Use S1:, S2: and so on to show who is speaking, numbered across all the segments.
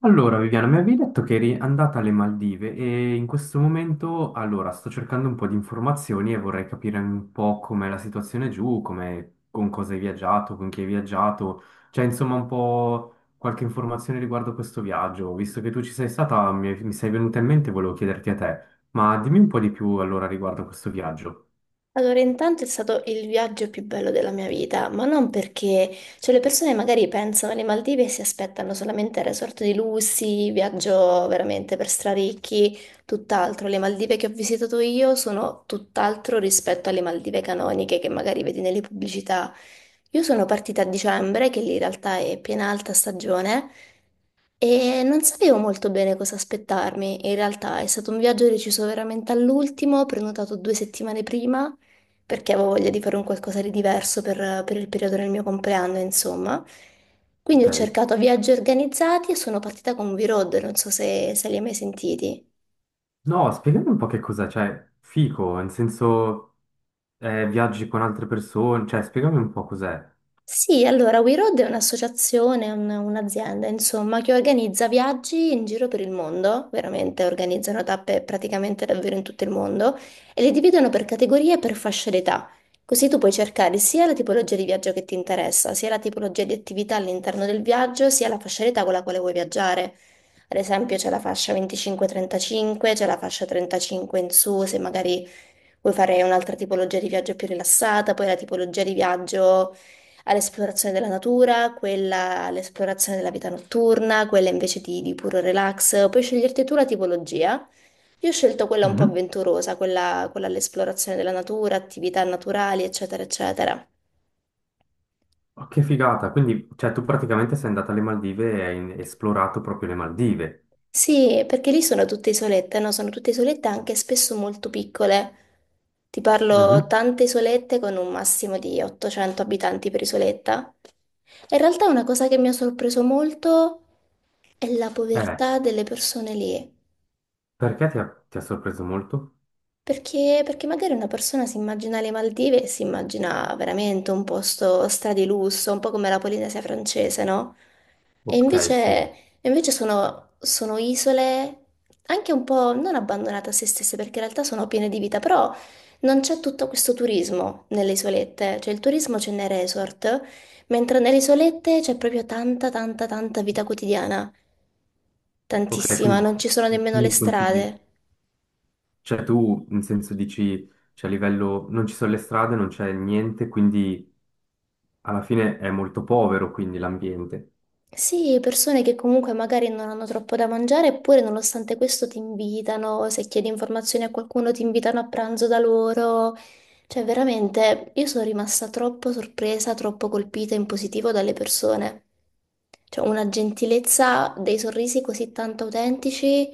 S1: Allora, Viviana, mi avevi detto che eri andata alle Maldive e in questo momento, allora, sto cercando un po' di informazioni e vorrei capire un po' com'è la situazione giù, come, con cosa hai viaggiato, con chi hai viaggiato, cioè insomma un po' qualche informazione riguardo questo viaggio. Visto che tu ci sei stata, mi sei venuta in mente, e volevo chiederti a te, ma dimmi un po' di più allora riguardo questo viaggio,
S2: Allora, intanto è stato il viaggio più bello della mia vita, ma non perché, cioè le persone magari pensano alle Maldive e si aspettano solamente il resort di lussi, viaggio veramente per straricchi, tutt'altro. Le Maldive che ho visitato io sono tutt'altro rispetto alle Maldive canoniche che magari vedi nelle pubblicità. Io sono partita a dicembre, che lì in realtà è piena alta stagione, e non sapevo molto bene cosa aspettarmi. In realtà è stato un viaggio deciso veramente all'ultimo, prenotato 2 settimane prima, perché avevo voglia di fare un qualcosa di diverso per il periodo del mio compleanno, insomma. Quindi
S1: ok?
S2: ho cercato viaggi organizzati e sono partita con V-Road, non so se li hai mai sentiti.
S1: No, spiegami un po' che cos'è, cioè, fico, nel senso, viaggi con altre persone, cioè, spiegami un po' cos'è.
S2: Sì, allora We Road è un'associazione, un'azienda, insomma, che organizza viaggi in giro per il mondo, veramente organizzano tappe praticamente davvero in tutto il mondo e le dividono per categorie e per fasce d'età. Così tu puoi cercare sia la tipologia di viaggio che ti interessa, sia la tipologia di attività all'interno del viaggio, sia la fascia d'età con la quale vuoi viaggiare. Ad esempio c'è la fascia 25-35, c'è la fascia 35 in su, se magari vuoi fare un'altra tipologia di viaggio più rilassata, poi la tipologia di viaggio all'esplorazione della natura, quella all'esplorazione della vita notturna, quella invece di puro relax. Puoi sceglierti tu la tipologia. Io ho scelto quella un po'
S1: Mhm.
S2: avventurosa, quella all'esplorazione della natura, attività naturali, eccetera, eccetera.
S1: Ma che figata, quindi cioè, tu praticamente sei andata alle Maldive e hai esplorato proprio le Maldive.
S2: Sì, perché lì sono tutte isolette, no? Sono tutte isolette anche spesso molto piccole. Ti parlo
S1: Mhm.
S2: tante isolette con un massimo di 800 abitanti per isoletta. E in realtà una cosa che mi ha sorpreso molto è la
S1: Eh,
S2: povertà delle persone lì.
S1: perché ti ha sorpreso molto?
S2: Perché, perché magari una persona si immagina le Maldive e si immagina veramente un posto stradi lusso, un po' come la Polinesia francese, no? E
S1: Ok,
S2: invece,
S1: sì.
S2: e invece sono isole anche un po' non abbandonate a se stesse, perché in realtà sono piene di vita, però non c'è tutto questo turismo nelle isolette, cioè il turismo c'è nei resort, mentre nelle isolette c'è proprio tanta, tanta, tanta vita quotidiana,
S1: Ok,
S2: tantissima,
S1: quindi
S2: non ci sono
S1: mm,
S2: nemmeno le
S1: mi consigli.
S2: strade.
S1: Cioè tu in senso dici, cioè a livello, non ci sono le strade, non c'è niente, quindi alla fine è molto povero quindi l'ambiente.
S2: Sì, persone che comunque magari non hanno troppo da mangiare, eppure nonostante questo ti invitano, se chiedi informazioni a qualcuno ti invitano a pranzo da loro. Cioè, veramente, io sono rimasta troppo sorpresa, troppo colpita in positivo dalle persone. Cioè, una gentilezza, dei sorrisi così tanto autentici,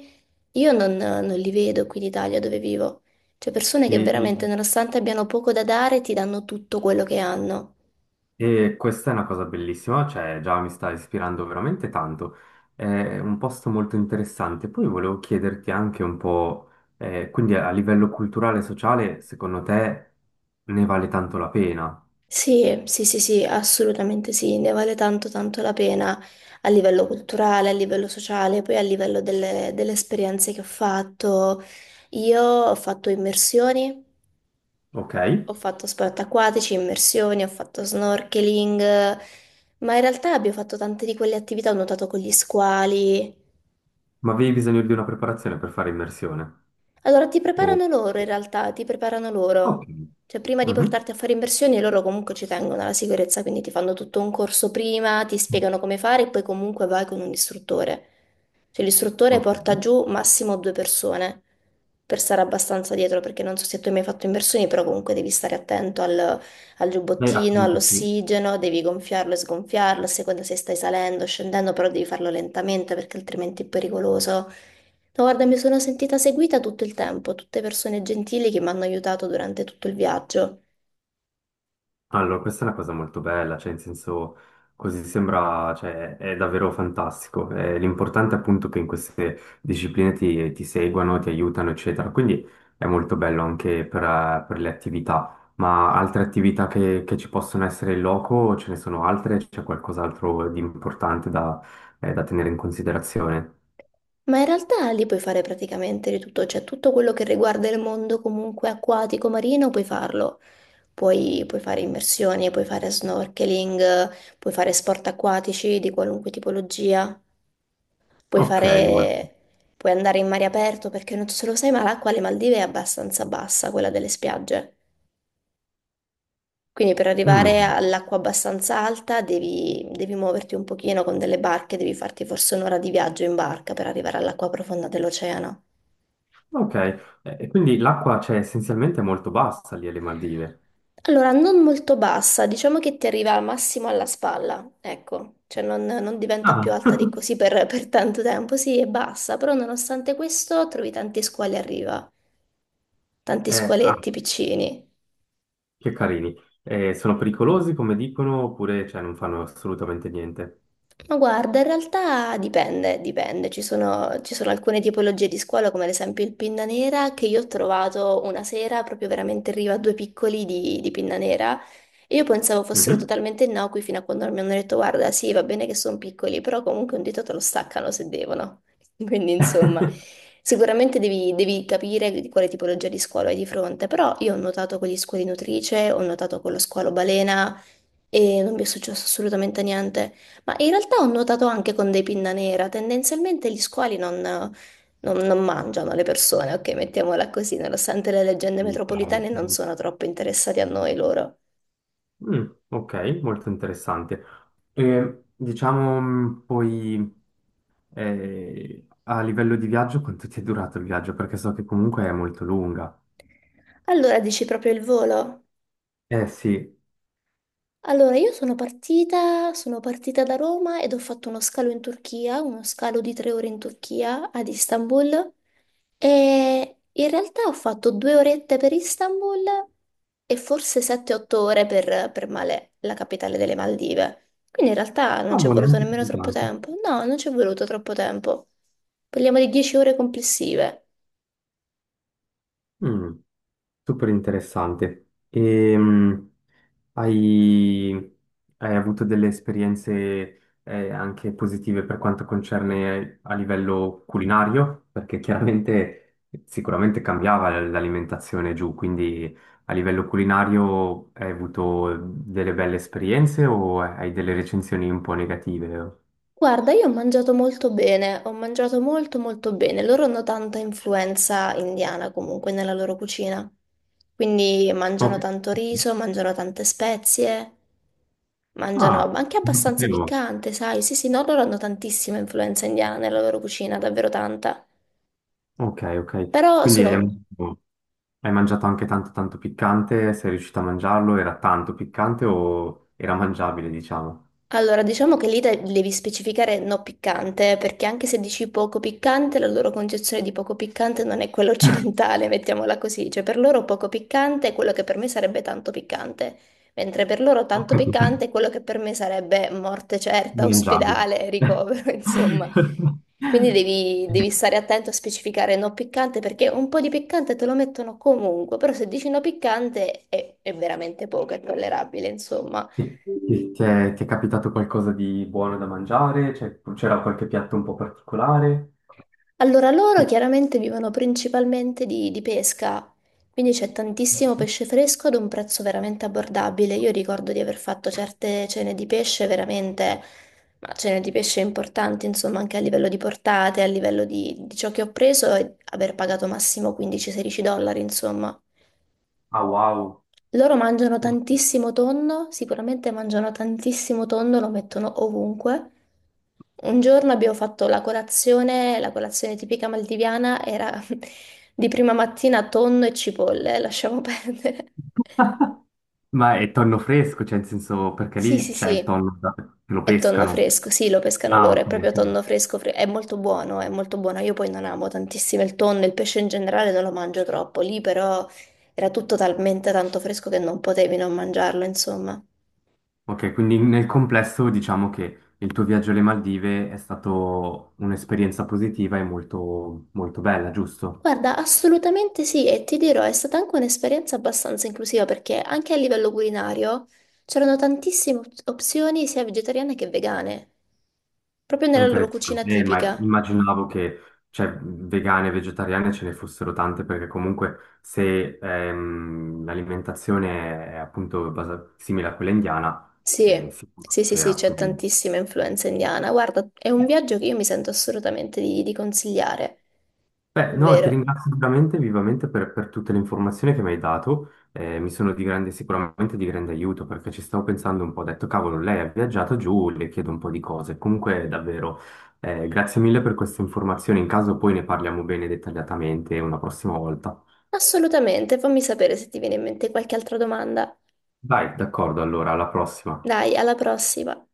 S2: io non li vedo qui in Italia dove vivo. Cioè, persone che
S1: E
S2: veramente,
S1: il-
S2: nonostante abbiano poco da dare, ti danno tutto quello che hanno.
S1: E questa è una cosa bellissima, cioè già mi sta ispirando veramente tanto. È un posto molto interessante. Poi volevo chiederti anche un po', quindi a livello culturale e sociale, secondo te ne vale tanto la pena?
S2: Sì, sì, sì, sì, assolutamente sì, ne vale tanto tanto la pena a livello culturale, a livello sociale, poi a livello delle esperienze che ho fatto. Io ho fatto immersioni,
S1: Ok?
S2: ho fatto sport acquatici, immersioni, ho fatto snorkeling, ma in realtà abbiamo fatto tante di quelle attività, ho nuotato con gli squali.
S1: Ma avevi bisogno di una preparazione per fare immersione?
S2: Allora, ti
S1: O-
S2: preparano loro in realtà, ti preparano
S1: Ok.
S2: loro. Cioè, prima di
S1: Mhm.
S2: portarti a fare immersioni, loro comunque ci tengono alla sicurezza, quindi ti fanno tutto un corso prima, ti spiegano come fare e poi comunque vai con un istruttore. Cioè, l'istruttore
S1: Ok.
S2: porta giù massimo due persone per stare abbastanza dietro, perché non so se tu hai mai fatto immersioni, però comunque devi stare attento al
S1: E
S2: giubbottino,
S1: appunto sì.
S2: all'ossigeno, devi gonfiarlo e sgonfiarlo, a seconda se stai salendo o scendendo, però devi farlo lentamente perché altrimenti è pericoloso. No, guarda, mi sono sentita seguita tutto il tempo, tutte persone gentili che mi hanno aiutato durante tutto il viaggio.
S1: Allora, questa è una cosa molto bella, cioè in senso così sembra, cioè è davvero fantastico. L'importante è appunto che in queste discipline ti seguano, ti aiutano, eccetera. Quindi è molto bello anche per le attività. Ma altre attività che ci possono essere in loco, ce ne sono altre? C'è qualcos'altro di importante da, da tenere in considerazione?
S2: Ma in realtà lì puoi fare praticamente di tutto, cioè tutto quello che riguarda il mondo comunque acquatico marino puoi farlo. Puoi fare immersioni, puoi fare snorkeling, puoi fare sport acquatici di qualunque tipologia, puoi
S1: Ok, molto.
S2: fare, puoi andare in mare aperto perché non so se lo sai, ma l'acqua alle Maldive è abbastanza bassa, quella delle spiagge. Quindi per arrivare
S1: Mm,
S2: all'acqua abbastanza alta devi muoverti un pochino con delle barche, devi farti forse un'ora di viaggio in barca per arrivare all'acqua profonda dell'oceano.
S1: ok. Quindi l'acqua, cioè, essenzialmente è molto bassa lì alle Maldive.
S2: Allora, non molto bassa, diciamo che ti arriva al massimo alla spalla, ecco, cioè non diventa più
S1: Ah,
S2: alta di così per, per tanto tempo, sì, è bassa, però nonostante questo trovi tanti squali a riva, tanti
S1: ah.
S2: squaletti piccini.
S1: Che carini. Sono pericolosi, come dicono, oppure cioè, non fanno assolutamente niente?
S2: Ma guarda, in realtà dipende, dipende. Ci sono alcune tipologie di scuola, come ad esempio il pinna nera, che io ho trovato una sera proprio veramente in riva a due piccoli di pinna nera e Io pensavo fossero
S1: Mhm.
S2: totalmente innocui fino a quando mi hanno detto, guarda, sì, va bene che sono piccoli, però comunque un dito te lo staccano se devono. Quindi, insomma, sicuramente devi capire di quale tipologia di squalo hai di fronte, però io ho notato con gli squali nutrice, ho notato con lo squalo balena e non mi è successo assolutamente niente. Ma in realtà ho notato anche con dei pinna nera, tendenzialmente gli squali non… Non mangiano le persone, ok, mettiamola così, nonostante le leggende
S1: Militari.
S2: metropolitane non
S1: Mhm.
S2: sono troppo interessati a noi loro.
S1: Mm, ok, molto interessante. E, diciamo, poi a livello di viaggio, quanto ti è durato il viaggio? Perché so che comunque è molto lunga.
S2: Allora dici proprio il volo.
S1: Eh sì,
S2: Allora, io sono partita da Roma ed ho fatto uno scalo in Turchia, uno scalo di 3 ore in Turchia, ad Istanbul, e in realtà ho fatto 2 orette per Istanbul e forse 7-8 ore per Malé, la capitale delle Maldive. Quindi in realtà non
S1: ma
S2: ci è
S1: buono,
S2: voluto
S1: neanche
S2: nemmeno
S1: così
S2: troppo
S1: tanto.
S2: tempo. No, non ci è voluto troppo tempo. Parliamo di 10 ore complessive.
S1: Mm. Super interessante. E, hai, hai avuto delle esperienze anche positive per quanto concerne a livello culinario? Perché chiaramente sicuramente cambiava l'alimentazione giù, quindi a livello culinario hai avuto delle belle esperienze o hai delle recensioni un po' negative?
S2: Guarda, io ho mangiato molto bene, ho mangiato molto molto bene. Loro hanno tanta influenza indiana comunque nella loro cucina. Quindi mangiano
S1: Ok.
S2: tanto riso, mangiano tante spezie, mangiano
S1: Ah,
S2: anche
S1: non lo
S2: abbastanza
S1: sapevo.
S2: piccante, sai? Sì, sì, no, loro hanno tantissima influenza indiana nella loro cucina, davvero tanta.
S1: Ok, ok.
S2: Però
S1: Quindi è...
S2: sono
S1: Hai mangiato anche tanto tanto piccante? Sei riuscito a mangiarlo? Era tanto piccante o era mangiabile, diciamo?
S2: allora, diciamo che lì devi specificare no piccante, perché anche se dici poco piccante, la loro concezione di poco piccante non è quella occidentale, mettiamola così. Cioè, per loro poco piccante è quello che per me sarebbe tanto piccante, mentre per loro
S1: Ho
S2: tanto
S1: capito,
S2: piccante è quello che per me sarebbe morte certa,
S1: mangiabile.
S2: ospedale, ricovero, insomma. Quindi devi stare attento a specificare no piccante, perché un po' di piccante te lo mettono comunque, però se dici no piccante è veramente poco, è tollerabile, insomma.
S1: Ti è capitato qualcosa di buono da mangiare? Cioè, c'era qualche piatto un po' particolare?
S2: Allora, loro
S1: Che-
S2: chiaramente vivono principalmente di pesca, quindi c'è tantissimo pesce fresco ad un prezzo veramente abbordabile. Io ricordo di aver fatto certe cene di pesce veramente, ma cene di pesce importanti, insomma, anche a livello di portate, a livello di ciò che ho preso e aver pagato massimo 15-16 dollari, insomma.
S1: Ah, wow!
S2: Loro mangiano tantissimo tonno, sicuramente mangiano tantissimo tonno, lo mettono ovunque. Un giorno abbiamo fatto la colazione tipica maldiviana era di prima mattina tonno e cipolle, lasciamo perdere.
S1: Ma è tonno fresco, cioè, in senso, perché
S2: Sì,
S1: lì
S2: sì,
S1: c'è il
S2: sì,
S1: tonno che lo
S2: è tonno
S1: pescano.
S2: fresco, sì, lo pescano
S1: Ah,
S2: loro, è
S1: ok,
S2: proprio
S1: ok.
S2: tonno fresco, è molto buono, è molto buono. Io poi non amo tantissimo il tonno, il pesce in generale non lo mangio troppo, lì però era tutto talmente tanto fresco che non potevi non mangiarlo, insomma.
S1: Ok, quindi nel complesso diciamo che il tuo viaggio alle Maldive è stato un'esperienza positiva e molto, molto bella, giusto?
S2: Guarda, assolutamente sì, e ti dirò, è stata anche un'esperienza abbastanza inclusiva perché anche a livello culinario c'erano tantissime opzioni sia vegetariane che vegane, proprio nella loro
S1: Interessante,
S2: cucina
S1: ma
S2: tipica.
S1: immaginavo che cioè, vegane e vegetariane ce ne fossero tante perché comunque se l'alimentazione è appunto simile a quella indiana,
S2: Sì,
S1: sicuro
S2: sì, sì, sì,
S1: c'era,
S2: c'è
S1: quindi...
S2: tantissima influenza indiana. Guarda, è un viaggio che io mi sento assolutamente di consigliare,
S1: Beh, no, ti
S2: davvero.
S1: ringrazio veramente vivamente per tutte le informazioni che mi hai dato, mi sono di grande, sicuramente di grande aiuto perché ci stavo pensando un po', ho detto cavolo, lei ha viaggiato giù, le chiedo un po' di cose, comunque davvero grazie mille per queste informazioni, in caso poi ne parliamo bene dettagliatamente una prossima volta.
S2: Assolutamente, fammi sapere se ti viene in mente qualche altra domanda.
S1: Dai, d'accordo, allora, alla prossima.
S2: Dai, alla prossima.